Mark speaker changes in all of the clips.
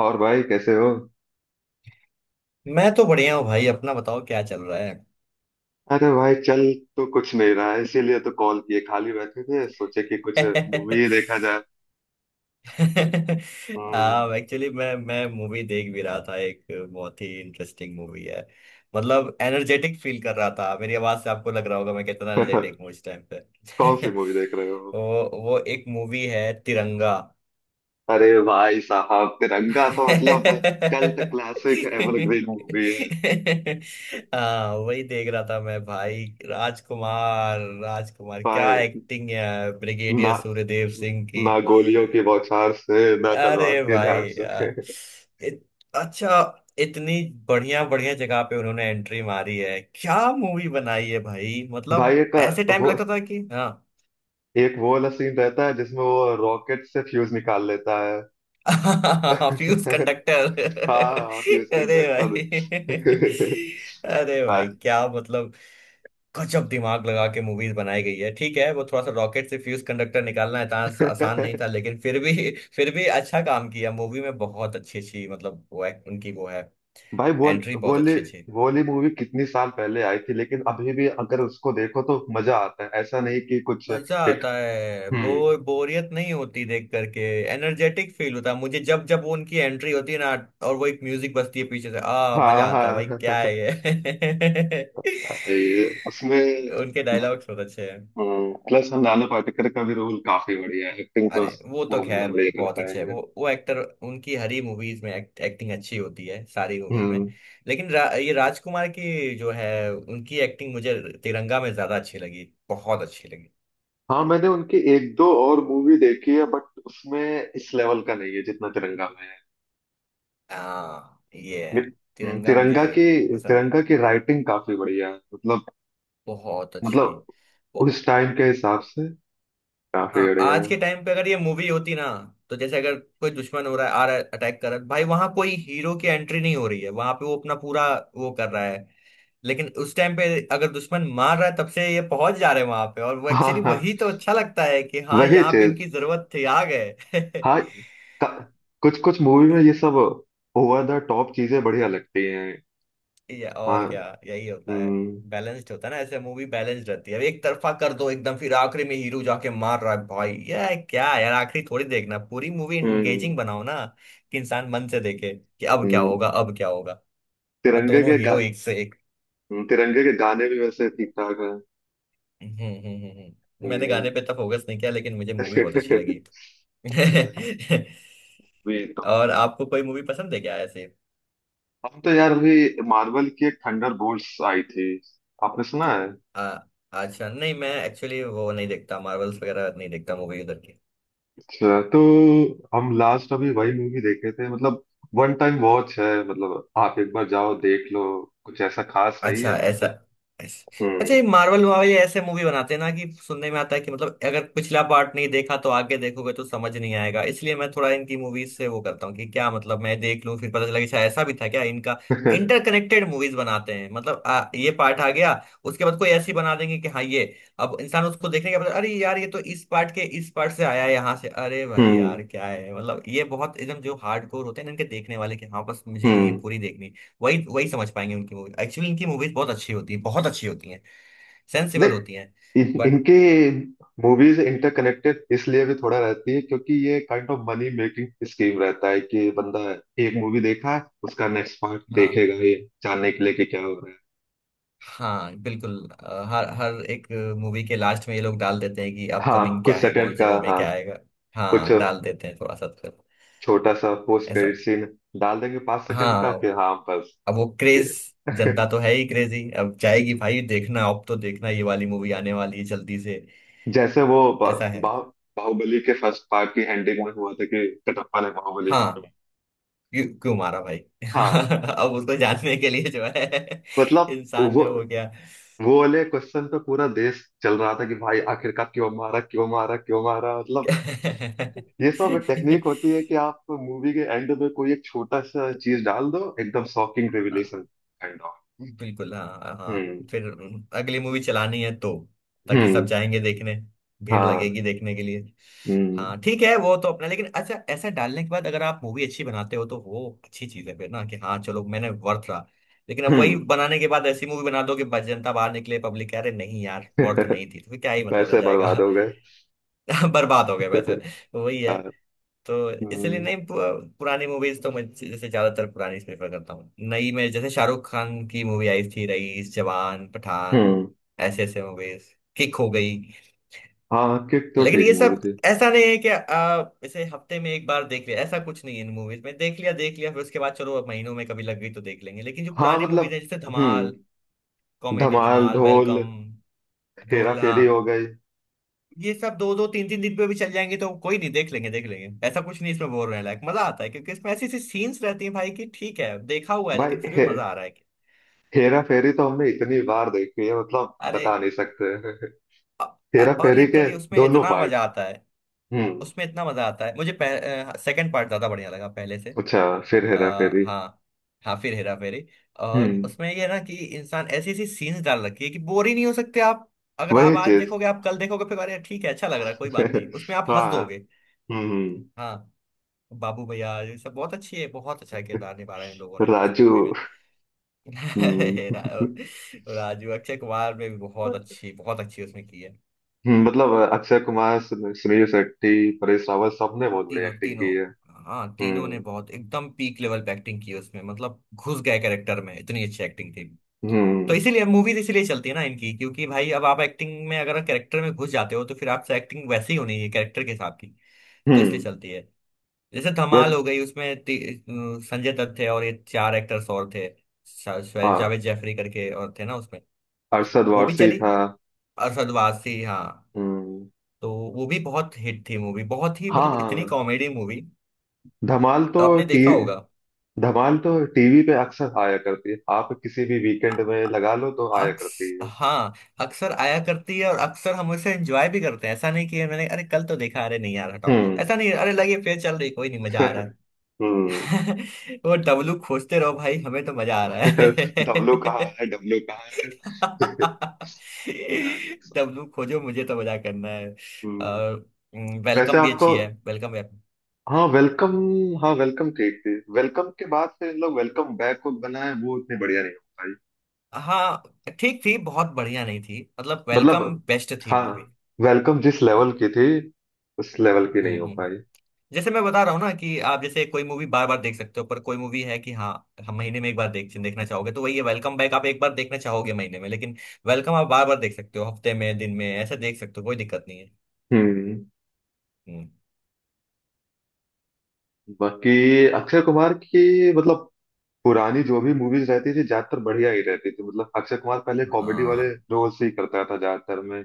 Speaker 1: और भाई कैसे हो?
Speaker 2: मैं तो बढ़िया हूँ भाई। अपना बताओ, क्या चल रहा है।
Speaker 1: अरे भाई चल। तो कुछ नहीं रहा है, इसीलिए तो कॉल किए, खाली बैठे थे, सोचे कि कुछ मूवी देखा जाए। हम्म।
Speaker 2: हाँ, एक्चुअली मैं मूवी देख भी रहा था एक। बहुत ही इंटरेस्टिंग मूवी है। मतलब एनर्जेटिक फील कर रहा था, मेरी आवाज से आपको लग रहा होगा मैं कितना एनर्जेटिक हूँ इस टाइम पे।
Speaker 1: कौन सी मूवी देख रहे हो?
Speaker 2: वो वो एक मूवी है, तिरंगा।
Speaker 1: अरे भाई साहब, तिरंगा तो मतलब कल्ट
Speaker 2: हाँ,
Speaker 1: क्लासिक एवरग्रीन मूवी है।
Speaker 2: वही देख रहा था मैं भाई। राजकुमार, राजकुमार क्या
Speaker 1: भाई,
Speaker 2: एक्टिंग है ब्रिगेडियर
Speaker 1: ना
Speaker 2: सूर्यदेव सिंह की।
Speaker 1: ना गोलियों की बौछार से, ना तलवार
Speaker 2: अरे
Speaker 1: के
Speaker 2: भाई
Speaker 1: धार से।
Speaker 2: यार, इत, अच्छा, इतनी बढ़िया बढ़िया जगह पे उन्होंने एंट्री मारी है। क्या मूवी बनाई है भाई मतलब।
Speaker 1: भाई,
Speaker 2: ऐसे टाइम
Speaker 1: वो
Speaker 2: लगता था कि हाँ।
Speaker 1: एक वो वाला सीन रहता है जिसमें वो रॉकेट से फ्यूज निकाल लेता है।
Speaker 2: Fuse conductor.
Speaker 1: हाँ, फ्यूज
Speaker 2: अरे भाई।
Speaker 1: कंडक्टर।
Speaker 2: अरे
Speaker 1: हाँ।
Speaker 2: भाई, क्या मतलब। गजब दिमाग लगा के मूवीज बनाई गई है। ठीक है, वो थोड़ा सा रॉकेट से फ्यूज कंडक्टर निकालना है आसान, आसान नहीं था, लेकिन फिर भी फिर भी अच्छा काम किया मूवी में। बहुत अच्छी अच्छी, मतलब वो उनकी वो है,
Speaker 1: भाई, वो
Speaker 2: एंट्री बहुत
Speaker 1: बोली,
Speaker 2: अच्छी अच्छी।
Speaker 1: बोली मूवी कितनी साल पहले आई थी, लेकिन अभी भी अगर उसको देखो तो मजा आता है, ऐसा नहीं कि कुछ
Speaker 2: मजा
Speaker 1: हिट।
Speaker 2: आता है,
Speaker 1: हम्म।
Speaker 2: बोरियत नहीं होती देख करके। एनर्जेटिक फील होता है मुझे, जब जब वो उनकी एंट्री होती है ना और वो एक म्यूजिक बजती है पीछे से। आ मजा
Speaker 1: हाँ,
Speaker 2: आता है भाई, क्या
Speaker 1: हाँ।
Speaker 2: है ये।
Speaker 1: ये उसमें
Speaker 2: उनके डायलॉग्स बहुत अच्छे हैं।
Speaker 1: प्लस नाना पाटेकर का भी रोल काफी बढ़िया है। एक्टिंग तो
Speaker 2: अरे वो तो
Speaker 1: वो बंदा
Speaker 2: खैर
Speaker 1: बढ़िया
Speaker 2: बहुत
Speaker 1: करता है
Speaker 2: अच्छे है,
Speaker 1: यार।
Speaker 2: वो एक्टर। उनकी हर ही मूवीज में एक्टिंग अच्छी होती है, सारी मूवीज में।
Speaker 1: हम्म।
Speaker 2: लेकिन ये राजकुमार की जो है उनकी एक्टिंग मुझे तिरंगा में ज्यादा अच्छी लगी। बहुत अच्छी लगी।
Speaker 1: हाँ, मैंने उनकी एक दो और मूवी देखी है बट उसमें इस लेवल का नहीं है जितना तिरंगा में है।
Speaker 2: हाँ, ये है।
Speaker 1: मेरे- हम्म।
Speaker 2: तिरंगा मुझे पसंद।
Speaker 1: तिरंगा की राइटिंग काफी बढ़िया है, मतलब
Speaker 2: बहुत अच्छी,
Speaker 1: मतलब
Speaker 2: वो।
Speaker 1: उस टाइम के हिसाब से काफी
Speaker 2: हाँ,
Speaker 1: बढ़िया
Speaker 2: आज
Speaker 1: है।
Speaker 2: के टाइम पे अगर ये मूवी होती ना, तो जैसे अगर कोई दुश्मन हो रहा है, आ रहा है, अटैक कर रहा है, भाई वहां कोई हीरो की एंट्री नहीं हो रही है, वहां पे वो अपना पूरा वो कर रहा है। लेकिन उस टाइम पे अगर दुश्मन मार रहा है तब से ये पहुंच जा रहे हैं वहां पे, और वो
Speaker 1: हाँ,
Speaker 2: एक्चुअली
Speaker 1: हाँ।
Speaker 2: वही तो अच्छा लगता है कि हाँ,
Speaker 1: वही
Speaker 2: यहाँ पे
Speaker 1: चीज।
Speaker 2: इनकी जरूरत थी, आ गए।
Speaker 1: हाँ, कुछ कुछ मूवी में ये सब ओवर द टॉप चीजें बढ़िया लगती हैं।
Speaker 2: या और
Speaker 1: हाँ।
Speaker 2: क्या, यही होता है।
Speaker 1: हम्म,
Speaker 2: बैलेंस्ड होता है ना, ऐसे मूवी बैलेंस्ड रहती है। अब एक तरफा कर दो एकदम, फिर आखिरी में हीरो जाके मार रहा है, भाई ये क्या है यार। आखिरी थोड़ी देखना, पूरी मूवी
Speaker 1: हम्म,
Speaker 2: एंगेजिंग बनाओ ना, कि इंसान मन से देखे कि अब क्या
Speaker 1: हम्म।
Speaker 2: होगा, अब क्या होगा। अब
Speaker 1: तिरंगे
Speaker 2: दोनों
Speaker 1: के गा
Speaker 2: हीरो एक से एक।
Speaker 1: हम्म। तिरंगे के गाने भी वैसे ठीक ठाक हैं।
Speaker 2: मैंने
Speaker 1: हम्म।
Speaker 2: गाने पे तो फोकस नहीं किया, लेकिन मुझे मूवी बहुत अच्छी लगी।
Speaker 1: वे तो
Speaker 2: और आपको कोई मूवी पसंद है क्या ऐसे।
Speaker 1: हम तो यार अभी मार्वल की एक थंडरबोल्ट्स आई थी। आपने सुना है?
Speaker 2: आ, अच्छा नहीं, मैं एक्चुअली वो नहीं देखता, मार्वल्स वगैरह नहीं देखता मूवी उधर की।
Speaker 1: अच्छा। तो हम लास्ट अभी वही मूवी देखे थे, मतलब वन टाइम वॉच है, मतलब आप एक बार जाओ देख लो। कुछ ऐसा खास नहीं है
Speaker 2: अच्छा, ऐसा
Speaker 1: बट।
Speaker 2: ऐस- अच्छा,
Speaker 1: हम्म।
Speaker 2: ये मार्वल वाले ऐसे मूवी बनाते हैं ना, कि सुनने में आता है कि मतलब अगर पिछला पार्ट नहीं देखा तो आगे देखोगे तो समझ नहीं आएगा। इसलिए मैं थोड़ा इनकी मूवीज से वो करता हूँ कि क्या मतलब मैं देख लूँ, फिर पता चला कि अच्छा ऐसा भी था क्या इनका। इंटरकनेक्टेड मूवीज बनाते हैं। मतलब ये पार्ट आ गया, उसके बाद कोई ऐसी बना देंगे कि हाँ ये, अब इंसान उसको देखने के बाद, अरे यार ये तो इस पार्ट के इस पार्ट से आया है, यहाँ से। अरे भाई
Speaker 1: हम्म,
Speaker 2: यार, क्या है मतलब। ये बहुत एकदम जो हार्ड कोर होते हैं ना इनके देखने वाले, कि हाँ बस मुझे ये
Speaker 1: हम्म।
Speaker 2: पूरी देखनी, वही वही समझ पाएंगे उनकी मूवी। एक्चुअली इनकी मूवीज बहुत अच्छी होती हैं, बहुत अच्छी होती हैं,
Speaker 1: नहीं,
Speaker 2: सेंसिबल होती हैं।
Speaker 1: इन,
Speaker 2: बट
Speaker 1: इनके मूवीज इंटरकनेक्टेड इसलिए भी थोड़ा रहती है, क्योंकि ये kind of money making scheme रहता है कि बंदा एक मूवी देखा है, उसका नेक्स्ट पार्ट
Speaker 2: हाँ,
Speaker 1: देखेगा ये जानने के लिए कि क्या हो रहा है।
Speaker 2: हाँ, बिल्कुल। हर हर एक मूवी के लास्ट में ये लोग डाल देते हैं कि
Speaker 1: हाँ,
Speaker 2: अपकमिंग
Speaker 1: कुछ
Speaker 2: क्या है, कौन
Speaker 1: सेकंड
Speaker 2: से
Speaker 1: का,
Speaker 2: मूवी में
Speaker 1: हाँ।
Speaker 2: क्या आएगा।
Speaker 1: कुछ
Speaker 2: हाँ, डाल देते हैं थोड़ा सा तो।
Speaker 1: छोटा सा पोस्ट
Speaker 2: ऐसा।
Speaker 1: क्रेडिट सीन डाल देंगे 5 सेकंड का,
Speaker 2: हाँ,
Speaker 1: कि हाँ बस।
Speaker 2: अब वो क्रेज,
Speaker 1: कि-
Speaker 2: जनता तो है ही क्रेजी, अब जाएगी भाई देखना, अब तो देखना ये वाली मूवी आने वाली है जल्दी से।
Speaker 1: जैसे वो बा,
Speaker 2: ऐसा है।
Speaker 1: बा, बाहुबली के फर्स्ट पार्ट की एंडिंग में हुआ था कि कटप्पा ने बाहुबली को
Speaker 2: हाँ,
Speaker 1: कहा।
Speaker 2: क्यों क्यों मारा भाई।
Speaker 1: हाँ,
Speaker 2: अब उसको जानने के लिए जो है,
Speaker 1: मतलब
Speaker 2: इंसान
Speaker 1: वो
Speaker 2: ने वो किया।
Speaker 1: वो वाले क्वेश्चन पे पूरा देश चल रहा था कि भाई आखिरकार क्यों मारा, क्यों मारा, क्यों मारा, मतलब। ये सब टेक्निक होती है कि आप मूवी के एंड में कोई एक छोटा सा चीज डाल दो, एकदम शॉकिंग रिविलेशन काइंड ऑफ।
Speaker 2: बिल्कुल, हाँ हाँ।
Speaker 1: हम्म,
Speaker 2: फिर अगली मूवी चलानी है तो, ताकि सब
Speaker 1: हम्म।
Speaker 2: जाएंगे देखने, भीड़
Speaker 1: हाँ।
Speaker 2: लगेगी देखने के लिए।
Speaker 1: हम्म,
Speaker 2: हाँ ठीक है, वो तो अपना, लेकिन अच्छा ऐसा डालने के बाद अगर आप मूवी अच्छी बनाते हो तो वो अच्छी चीज है फिर ना, कि हाँ चलो, मैंने वर्थ रहा। लेकिन अब वही
Speaker 1: हम्म।
Speaker 2: बनाने के बाद ऐसी मूवी बना दो कि बस जनता बाहर निकले, पब्लिक कह रहे नहीं यार वर्थ नहीं थी, तो फिर क्या ही मतलब रह
Speaker 1: पैसे बर्बाद
Speaker 2: जाएगा।
Speaker 1: हो गए।
Speaker 2: बर्बाद हो गए वैसे। वही है।
Speaker 1: हाँ।
Speaker 2: तो इसलिए
Speaker 1: हम्म,
Speaker 2: नहीं, पुरानी मूवीज तो मैं जैसे ज्यादातर पुरानी प्रेफर करता हूँ। नई में जैसे शाहरुख खान की मूवी आई थी, रईस, जवान, पठान,
Speaker 1: हम्म।
Speaker 2: ऐसे ऐसे मूवीज किक हो गई।
Speaker 1: हाँ, किक तो
Speaker 2: लेकिन
Speaker 1: ठीक
Speaker 2: ये
Speaker 1: मूवी
Speaker 2: सब
Speaker 1: थी।
Speaker 2: ऐसा नहीं है कि इसे हफ्ते में एक बार देख लिया, ऐसा कुछ नहीं है इन मूवीज में। देख लिया देख लिया, फिर उसके बाद चलो अब महीनों में कभी लग गई तो देख लेंगे। लेकिन जो
Speaker 1: हाँ,
Speaker 2: पुरानी मूवीज
Speaker 1: मतलब।
Speaker 2: है, जैसे
Speaker 1: हम्म।
Speaker 2: धमाल कॉमेडी,
Speaker 1: धमाल,
Speaker 2: धमाल,
Speaker 1: ढोल,
Speaker 2: वेलकम,
Speaker 1: हेरा
Speaker 2: ढोल, हाँ,
Speaker 1: फेरी हो गई।
Speaker 2: ये सब दो दो तीन तीन दिन पे भी चल जाएंगे तो कोई नहीं, देख लेंगे देख लेंगे, ऐसा कुछ नहीं इसमें। बोर होने लायक, मजा आता है, क्योंकि इसमें ऐसी ऐसी सीन्स रहती हैं भाई कि ठीक है देखा हुआ है,
Speaker 1: भाई,
Speaker 2: लेकिन फिर भी मजा आ रहा है कि।
Speaker 1: हेरा फेरी तो हमने इतनी बार देखी है, मतलब
Speaker 2: अरे
Speaker 1: बता नहीं सकते।
Speaker 2: अ-
Speaker 1: हेरा
Speaker 2: और
Speaker 1: फेरी के
Speaker 2: लिटरली उसमें
Speaker 1: दोनों
Speaker 2: इतना
Speaker 1: पार्ट।
Speaker 2: मजा आता है।
Speaker 1: हम्म।
Speaker 2: उसमें इतना मजा आता है मुझे। सेकंड पार्ट ज्यादा बढ़िया लगा पहले से।
Speaker 1: अच्छा। फिर
Speaker 2: आ,
Speaker 1: हेरा फेरी।
Speaker 2: हाँ, हाँ फिर हेरा फेरी। और
Speaker 1: हम्म।
Speaker 2: उसमें ये है ना, कि इंसान ऐसी ऐसी सीन्स डाल रखी है कि बोर ही नहीं हो सकते आप। अगर
Speaker 1: वही
Speaker 2: आप आज
Speaker 1: चीज।
Speaker 2: देखोगे, आप कल देखोगे फिर, अरे ठीक है अच्छा लग रहा है कोई बात नहीं, उसमें आप हंस
Speaker 1: हाँ।
Speaker 2: दोगे।
Speaker 1: हम्म।
Speaker 2: हाँ। बाबू भैया ये सब बहुत अच्छी है, बहुत अच्छा किरदार निभा रहे हैं इन लोगों ने उस
Speaker 1: राजू।
Speaker 2: मूवी में। हेरा
Speaker 1: हम्म।
Speaker 2: राजू, अक्षय कुमार ने भी बहुत अच्छी उसमें की है।
Speaker 1: हम्म। मतलब अक्षय कुमार, सुनील शेट्टी, परेश रावल सबने बहुत बढ़िया
Speaker 2: तीनों,
Speaker 1: एक्टिंग
Speaker 2: तीनों,
Speaker 1: की है।
Speaker 2: हाँ तीनों ने
Speaker 1: हम्म,
Speaker 2: बहुत एकदम पीक लेवल पे एक्टिंग की है उसमें। मतलब घुस गए कैरेक्टर में, इतनी अच्छी एक्टिंग थी। तो
Speaker 1: हम्म,
Speaker 2: इसीलिए मूवीज इसीलिए चलती है ना इनकी, क्योंकि भाई अब आप एक्टिंग में अगर कैरेक्टर में घुस जाते हो तो फिर आपसे एक्टिंग वैसे ही होनी है कैरेक्टर के हिसाब की। तो इसलिए
Speaker 1: हम्म।
Speaker 2: चलती है। जैसे
Speaker 1: बस।
Speaker 2: धमाल हो गई, उसमें संजय दत्त थे और ये चार एक्टर्स और थे। शायद
Speaker 1: हाँ,
Speaker 2: जावेद जैफरी करके और थे ना उसमें।
Speaker 1: अरशद
Speaker 2: वो भी
Speaker 1: वारसी
Speaker 2: चली।
Speaker 1: था।
Speaker 2: अरशद वारसी, हाँ।
Speaker 1: हम्म।
Speaker 2: तो वो भी बहुत हिट थी मूवी, बहुत ही,
Speaker 1: हाँ,
Speaker 2: मतलब
Speaker 1: हाँ,
Speaker 2: इतनी
Speaker 1: हाँ।
Speaker 2: कॉमेडी मूवी,
Speaker 1: धमाल तो
Speaker 2: आपने
Speaker 1: टी
Speaker 2: देखा होगा।
Speaker 1: धमाल तो टीवी पे अक्सर आया करती है, आप किसी भी
Speaker 2: अ-
Speaker 1: वीकेंड में
Speaker 2: अ-
Speaker 1: लगा लो तो आया
Speaker 2: अक्स
Speaker 1: करती है।
Speaker 2: हाँ, अक्सर आया करती है, और अक्सर हम उसे एंजॉय भी करते हैं। ऐसा नहीं कि मैंने अरे कल तो देखा, अरे नहीं यार हटाओ,
Speaker 1: हम्म।
Speaker 2: ऐसा नहीं, अरे लगे फिर चल रही, कोई नहीं मजा आ रहा है।
Speaker 1: हम्म।
Speaker 2: वो डब्लू खोजते रहो भाई, हमें तो मजा आ रहा है।
Speaker 1: डब्लू कहाँ है? डब्लू कहाँ है?
Speaker 2: डब्लू खोजो, मुझे तो मजा करना है।
Speaker 1: हम्म।
Speaker 2: और
Speaker 1: वैसे,
Speaker 2: वेलकम भी
Speaker 1: आपको।
Speaker 2: अच्छी है, वेलकम वेब,
Speaker 1: हाँ वेलकम हाँ, वेलकम कही थी। वेलकम के बाद फिर इन लोग वेलकम बैक को बनाए, वो उतने बढ़िया नहीं हो पाई,
Speaker 2: हाँ। ठीक थी, बहुत बढ़िया नहीं थी, मतलब
Speaker 1: मतलब।
Speaker 2: वेलकम बेस्ट थी
Speaker 1: हाँ,
Speaker 2: मूवी।
Speaker 1: वेलकम जिस लेवल
Speaker 2: हाँ।
Speaker 1: की थी उस लेवल की
Speaker 2: हम्म
Speaker 1: नहीं हो
Speaker 2: हम्म हम्म।
Speaker 1: पाई।
Speaker 2: जैसे मैं बता रहा हूँ ना, कि आप जैसे कोई मूवी बार बार देख सकते हो, पर कोई मूवी है कि हाँ, हम महीने में एक बार देख, देखना चाहोगे तो वही है वेलकम बैक। आप एक बार देखना चाहोगे महीने में, लेकिन वेलकम आप बार बार देख सकते हो, हफ्ते में, दिन में ऐसे देख सकते हो, कोई दिक्कत नहीं है।
Speaker 1: हम्म।
Speaker 2: हम्म।
Speaker 1: बाकी अक्षय कुमार की, मतलब पुरानी जो भी मूवीज रहती थी, ज्यादातर बढ़िया ही रहती थी, मतलब अक्षय कुमार पहले कॉमेडी वाले
Speaker 2: हाँ,
Speaker 1: रोल्स ही करता था ज्यादातर में।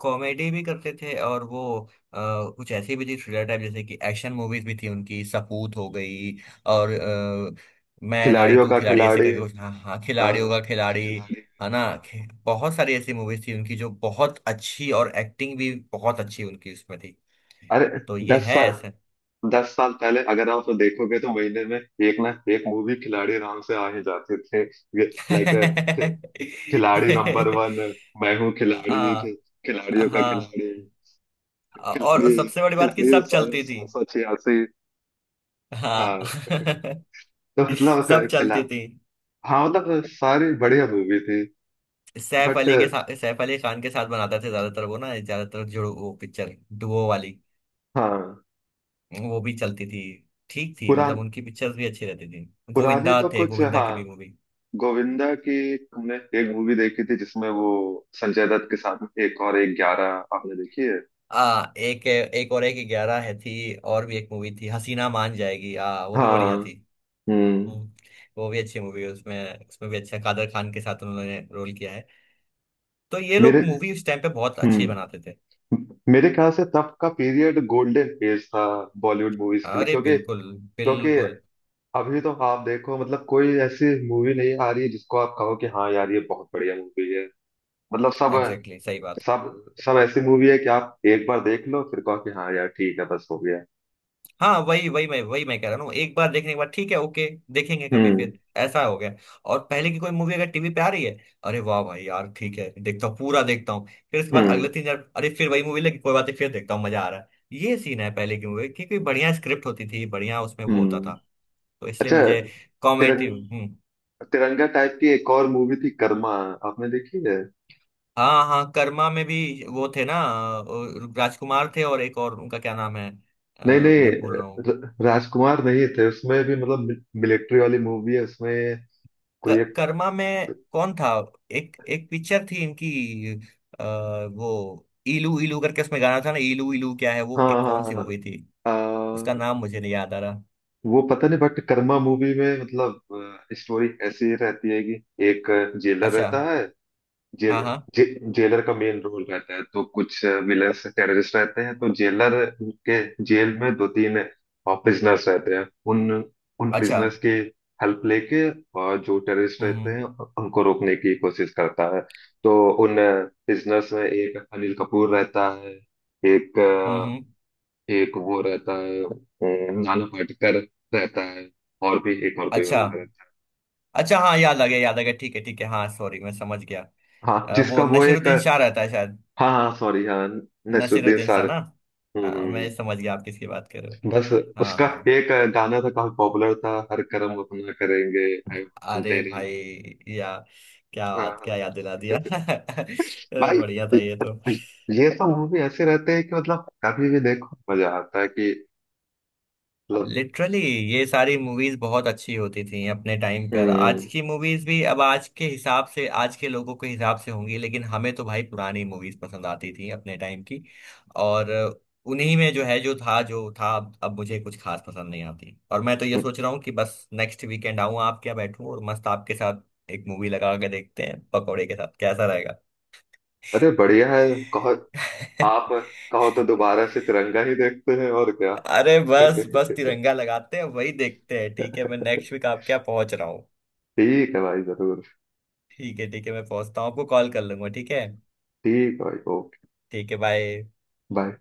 Speaker 2: कॉमेडी भी करते थे, और वो अ, कुछ ऐसी भी थी थ्रिलर टाइप, जैसे कि एक्शन मूवीज भी थी उनकी, सपूत हो गई, और मैं नारी
Speaker 1: खिलाड़ियों
Speaker 2: तू
Speaker 1: का
Speaker 2: खिलाड़ी, ऐसे
Speaker 1: खिलाड़ी।
Speaker 2: करके कुछ, हाँ हाँ
Speaker 1: हाँ,
Speaker 2: खिलाड़ी, होगा खिलाड़ी।
Speaker 1: खिलाड़ी।
Speaker 2: है ना,
Speaker 1: हाँ,
Speaker 2: बहुत सारी ऐसी मूवीज थी उनकी जो बहुत अच्छी, और एक्टिंग भी बहुत अच्छी उनकी उसमें थी।
Speaker 1: अरे,
Speaker 2: तो ये
Speaker 1: दस
Speaker 2: है
Speaker 1: साल
Speaker 2: ऐसा।
Speaker 1: दस साल पहले अगर आप तो देखोगे तो महीने में एक ना एक मूवी खिलाड़ी राम से आ ही जाते थे। लाइक खिलाड़ी नंबर वन, मैं हूँ खिलाड़ी,
Speaker 2: हाँ,
Speaker 1: खिलाड़ियों का
Speaker 2: हाँ।
Speaker 1: खिलाड़ी,
Speaker 2: और
Speaker 1: खिलाड़ी
Speaker 2: सबसे बड़ी बात कि
Speaker 1: खिलाड़ी
Speaker 2: सब चलती थी।
Speaker 1: 786।
Speaker 2: हाँ।
Speaker 1: हाँ, तो मतलब अ,
Speaker 2: सब
Speaker 1: खिला
Speaker 2: चलती थी।
Speaker 1: हाँ, मतलब सारी बढ़िया मूवी थी।
Speaker 2: सैफ
Speaker 1: बट
Speaker 2: अली के साथ, सैफ अली खान के साथ बनाते थे ज्यादातर वो ना, ज्यादातर जो वो पिक्चर, डुओ वाली,
Speaker 1: हाँ,
Speaker 2: वो भी चलती थी, ठीक थी,
Speaker 1: पुरान
Speaker 2: मतलब उनकी पिक्चर्स भी अच्छी रहती थी।
Speaker 1: पुरानी
Speaker 2: गोविंदा
Speaker 1: तो
Speaker 2: थे,
Speaker 1: कुछ।
Speaker 2: गोविंदा
Speaker 1: हाँ,
Speaker 2: की भी मूवी,
Speaker 1: गोविंदा की हमने एक मूवी देखी थी जिसमें वो संजय दत्त के साथ में, एक और एक ग्यारह। आपने देखी है?
Speaker 2: आ, एक, एक और एक ग्यारह है, थी। और भी एक मूवी थी, हसीना मान जाएगी, आ, वो भी
Speaker 1: हाँ।
Speaker 2: बढ़िया थी।
Speaker 1: हम्म।
Speaker 2: हम्म, वो भी अच्छी मूवी है। उसमें, उसमें भी अच्छा कादर खान के साथ उन्होंने रोल किया है। तो ये लोग
Speaker 1: मेरे
Speaker 2: मूवी उस टाइम पे बहुत अच्छी
Speaker 1: हम्म
Speaker 2: बनाते थे।
Speaker 1: मेरे ख्याल से तब का पीरियड गोल्डन फेज था बॉलीवुड मूवीज के लिए,
Speaker 2: अरे
Speaker 1: क्योंकि
Speaker 2: बिल्कुल,
Speaker 1: क्योंकि
Speaker 2: बिल्कुल।
Speaker 1: अभी तो आप देखो, मतलब कोई ऐसी मूवी नहीं आ रही है जिसको आप कहो कि हाँ यार ये बहुत बढ़िया मूवी है। मतलब सब
Speaker 2: एग्जैक्टली, सही बात।
Speaker 1: सब सब ऐसी मूवी है कि आप एक बार देख लो फिर कहो कि हाँ यार ठीक है, बस हो गया।
Speaker 2: हाँ, वही वही मैं, वही मैं कह रहा हूँ, एक बार देखने के बाद ठीक है ओके, देखेंगे कभी
Speaker 1: हम्म,
Speaker 2: फिर, ऐसा हो गया। और पहले की कोई मूवी अगर टीवी पे आ रही है, अरे वाह भाई यार, ठीक है देखता हूँ, पूरा देखता हूँ, फिर उसके बाद
Speaker 1: हम्म,
Speaker 2: अगले तीन चार, अरे फिर वही मूवी लगी, कोई बात नहीं फिर देखता हूँ, मजा आ रहा है, ये सीन है पहले की मूवी, क्योंकि बढ़िया स्क्रिप्ट होती थी, बढ़िया उसमें वो होता
Speaker 1: हम्म।
Speaker 2: था। तो इसलिए
Speaker 1: अच्छा,
Speaker 2: मुझे कॉमेडी।
Speaker 1: तिरंग
Speaker 2: हम्म।
Speaker 1: तिरंगा टाइप की एक और मूवी थी, कर्मा। आपने देखी है?
Speaker 2: हाँ हाँ, कर्मा में भी वो थे ना, राजकुमार थे और एक और, उनका क्या नाम है,
Speaker 1: नहीं,
Speaker 2: मैं भूल रहा
Speaker 1: नहीं,
Speaker 2: हूँ।
Speaker 1: राजकुमार नहीं थे उसमें भी, मतलब मिलिट्री वाली मूवी है उसमें, कोई एक।
Speaker 2: कर्मा में कौन था। एक, एक पिक्चर थी इनकी, अ, वो इलू इलू करके उसमें गाना था ना, इलू इलू क्या है, वो
Speaker 1: हाँ,
Speaker 2: एक कौन
Speaker 1: हाँ,
Speaker 2: सी
Speaker 1: हाँ,
Speaker 2: मूवी थी,
Speaker 1: आ,
Speaker 2: उसका नाम मुझे नहीं याद आ रहा।
Speaker 1: वो पता नहीं। बट कर्मा मूवी में, मतलब स्टोरी ऐसी रहती है कि एक जेलर
Speaker 2: अच्छा,
Speaker 1: रहता है। जेल
Speaker 2: हाँ हाँ।
Speaker 1: जे, जेलर का मेन रोल रहता है, तो कुछ विलन्स टेररिस्ट रहते हैं, तो जेलर के जेल में दो तीन प्रिजनर्स रहते हैं। उन उन
Speaker 2: अच्छा।
Speaker 1: प्रिजनर्स की हेल्प लेके और जो टेररिस्ट
Speaker 2: हम्म
Speaker 1: रहते
Speaker 2: हम्म
Speaker 1: हैं उनको रोकने की कोशिश करता है। तो उन प्रिजनर्स में एक अनिल कपूर रहता है, एक
Speaker 2: हम्म
Speaker 1: अ,
Speaker 2: हम्म,
Speaker 1: एक वो रहता है नाना पाटेकर रहता है, और भी एक और कोई
Speaker 2: अच्छा,
Speaker 1: बंदा रहता है।
Speaker 2: अच्छा, हाँ याद आ गया, याद आ गया, ठीक है ठीक है, हाँ सॉरी मैं समझ गया।
Speaker 1: हाँ,
Speaker 2: वो
Speaker 1: जिसका वो एक।
Speaker 2: नसीरुद्दीन शाह रहता है शायद।
Speaker 1: हाँ, हाँ, सॉरी। हाँ, नसरुद्दीन
Speaker 2: नसीरुद्दीन शाह
Speaker 1: सर।
Speaker 2: ना। हाँ,
Speaker 1: हम्म।
Speaker 2: मैं समझ गया आप किसकी बात कर रहे हो।
Speaker 1: बस,
Speaker 2: हाँ,
Speaker 1: उसका
Speaker 2: हाँ।
Speaker 1: एक गाना था काफी पॉपुलर था, हर कर्म अपना करेंगे, आए वतन
Speaker 2: अरे
Speaker 1: तेरे लिए।
Speaker 2: भाई या, क्या
Speaker 1: हाँ,
Speaker 2: बात, क्या
Speaker 1: हाँ।
Speaker 2: याद दिला दिया।
Speaker 1: भाई,
Speaker 2: बढ़िया था ये तो।
Speaker 1: ये सब मूवी ऐसे रहते हैं कि मतलब कभी भी देखो मजा आता है, कि मतलब।
Speaker 2: लिटरली, ये सारी मूवीज बहुत अच्छी होती थी अपने टाइम पर। आज
Speaker 1: हम्म।
Speaker 2: की मूवीज भी, अब आज के हिसाब से, आज के लोगों के हिसाब से होंगी, लेकिन हमें तो भाई पुरानी मूवीज पसंद आती थी, अपने टाइम की। और उन्हीं में जो है, जो था, जो था, अब मुझे कुछ खास पसंद नहीं आती। और मैं तो ये सोच रहा हूँ कि बस नेक्स्ट वीकेंड आऊँ आप क्या, बैठूँ और मस्त आपके साथ एक मूवी लगा के देखते हैं, पकौड़े के साथ, कैसा रहेगा।
Speaker 1: अरे बढ़िया है, कहो। आप कहो तो दोबारा से तिरंगा ही देखते हैं, और क्या।
Speaker 2: अरे बस बस, तिरंगा लगाते हैं, वही देखते हैं। ठीक है, मैं नेक्स्ट वीक आपके यहाँ पहुंच रहा हूँ।
Speaker 1: ठीक है भाई, जरूर।
Speaker 2: ठीक है, ठीक है, मैं पहुंचता हूँ, आपको कॉल कर लूंगा, ठीक है।
Speaker 1: ठीक है भाई, ओके।
Speaker 2: ठीक है, बाय।
Speaker 1: बाय।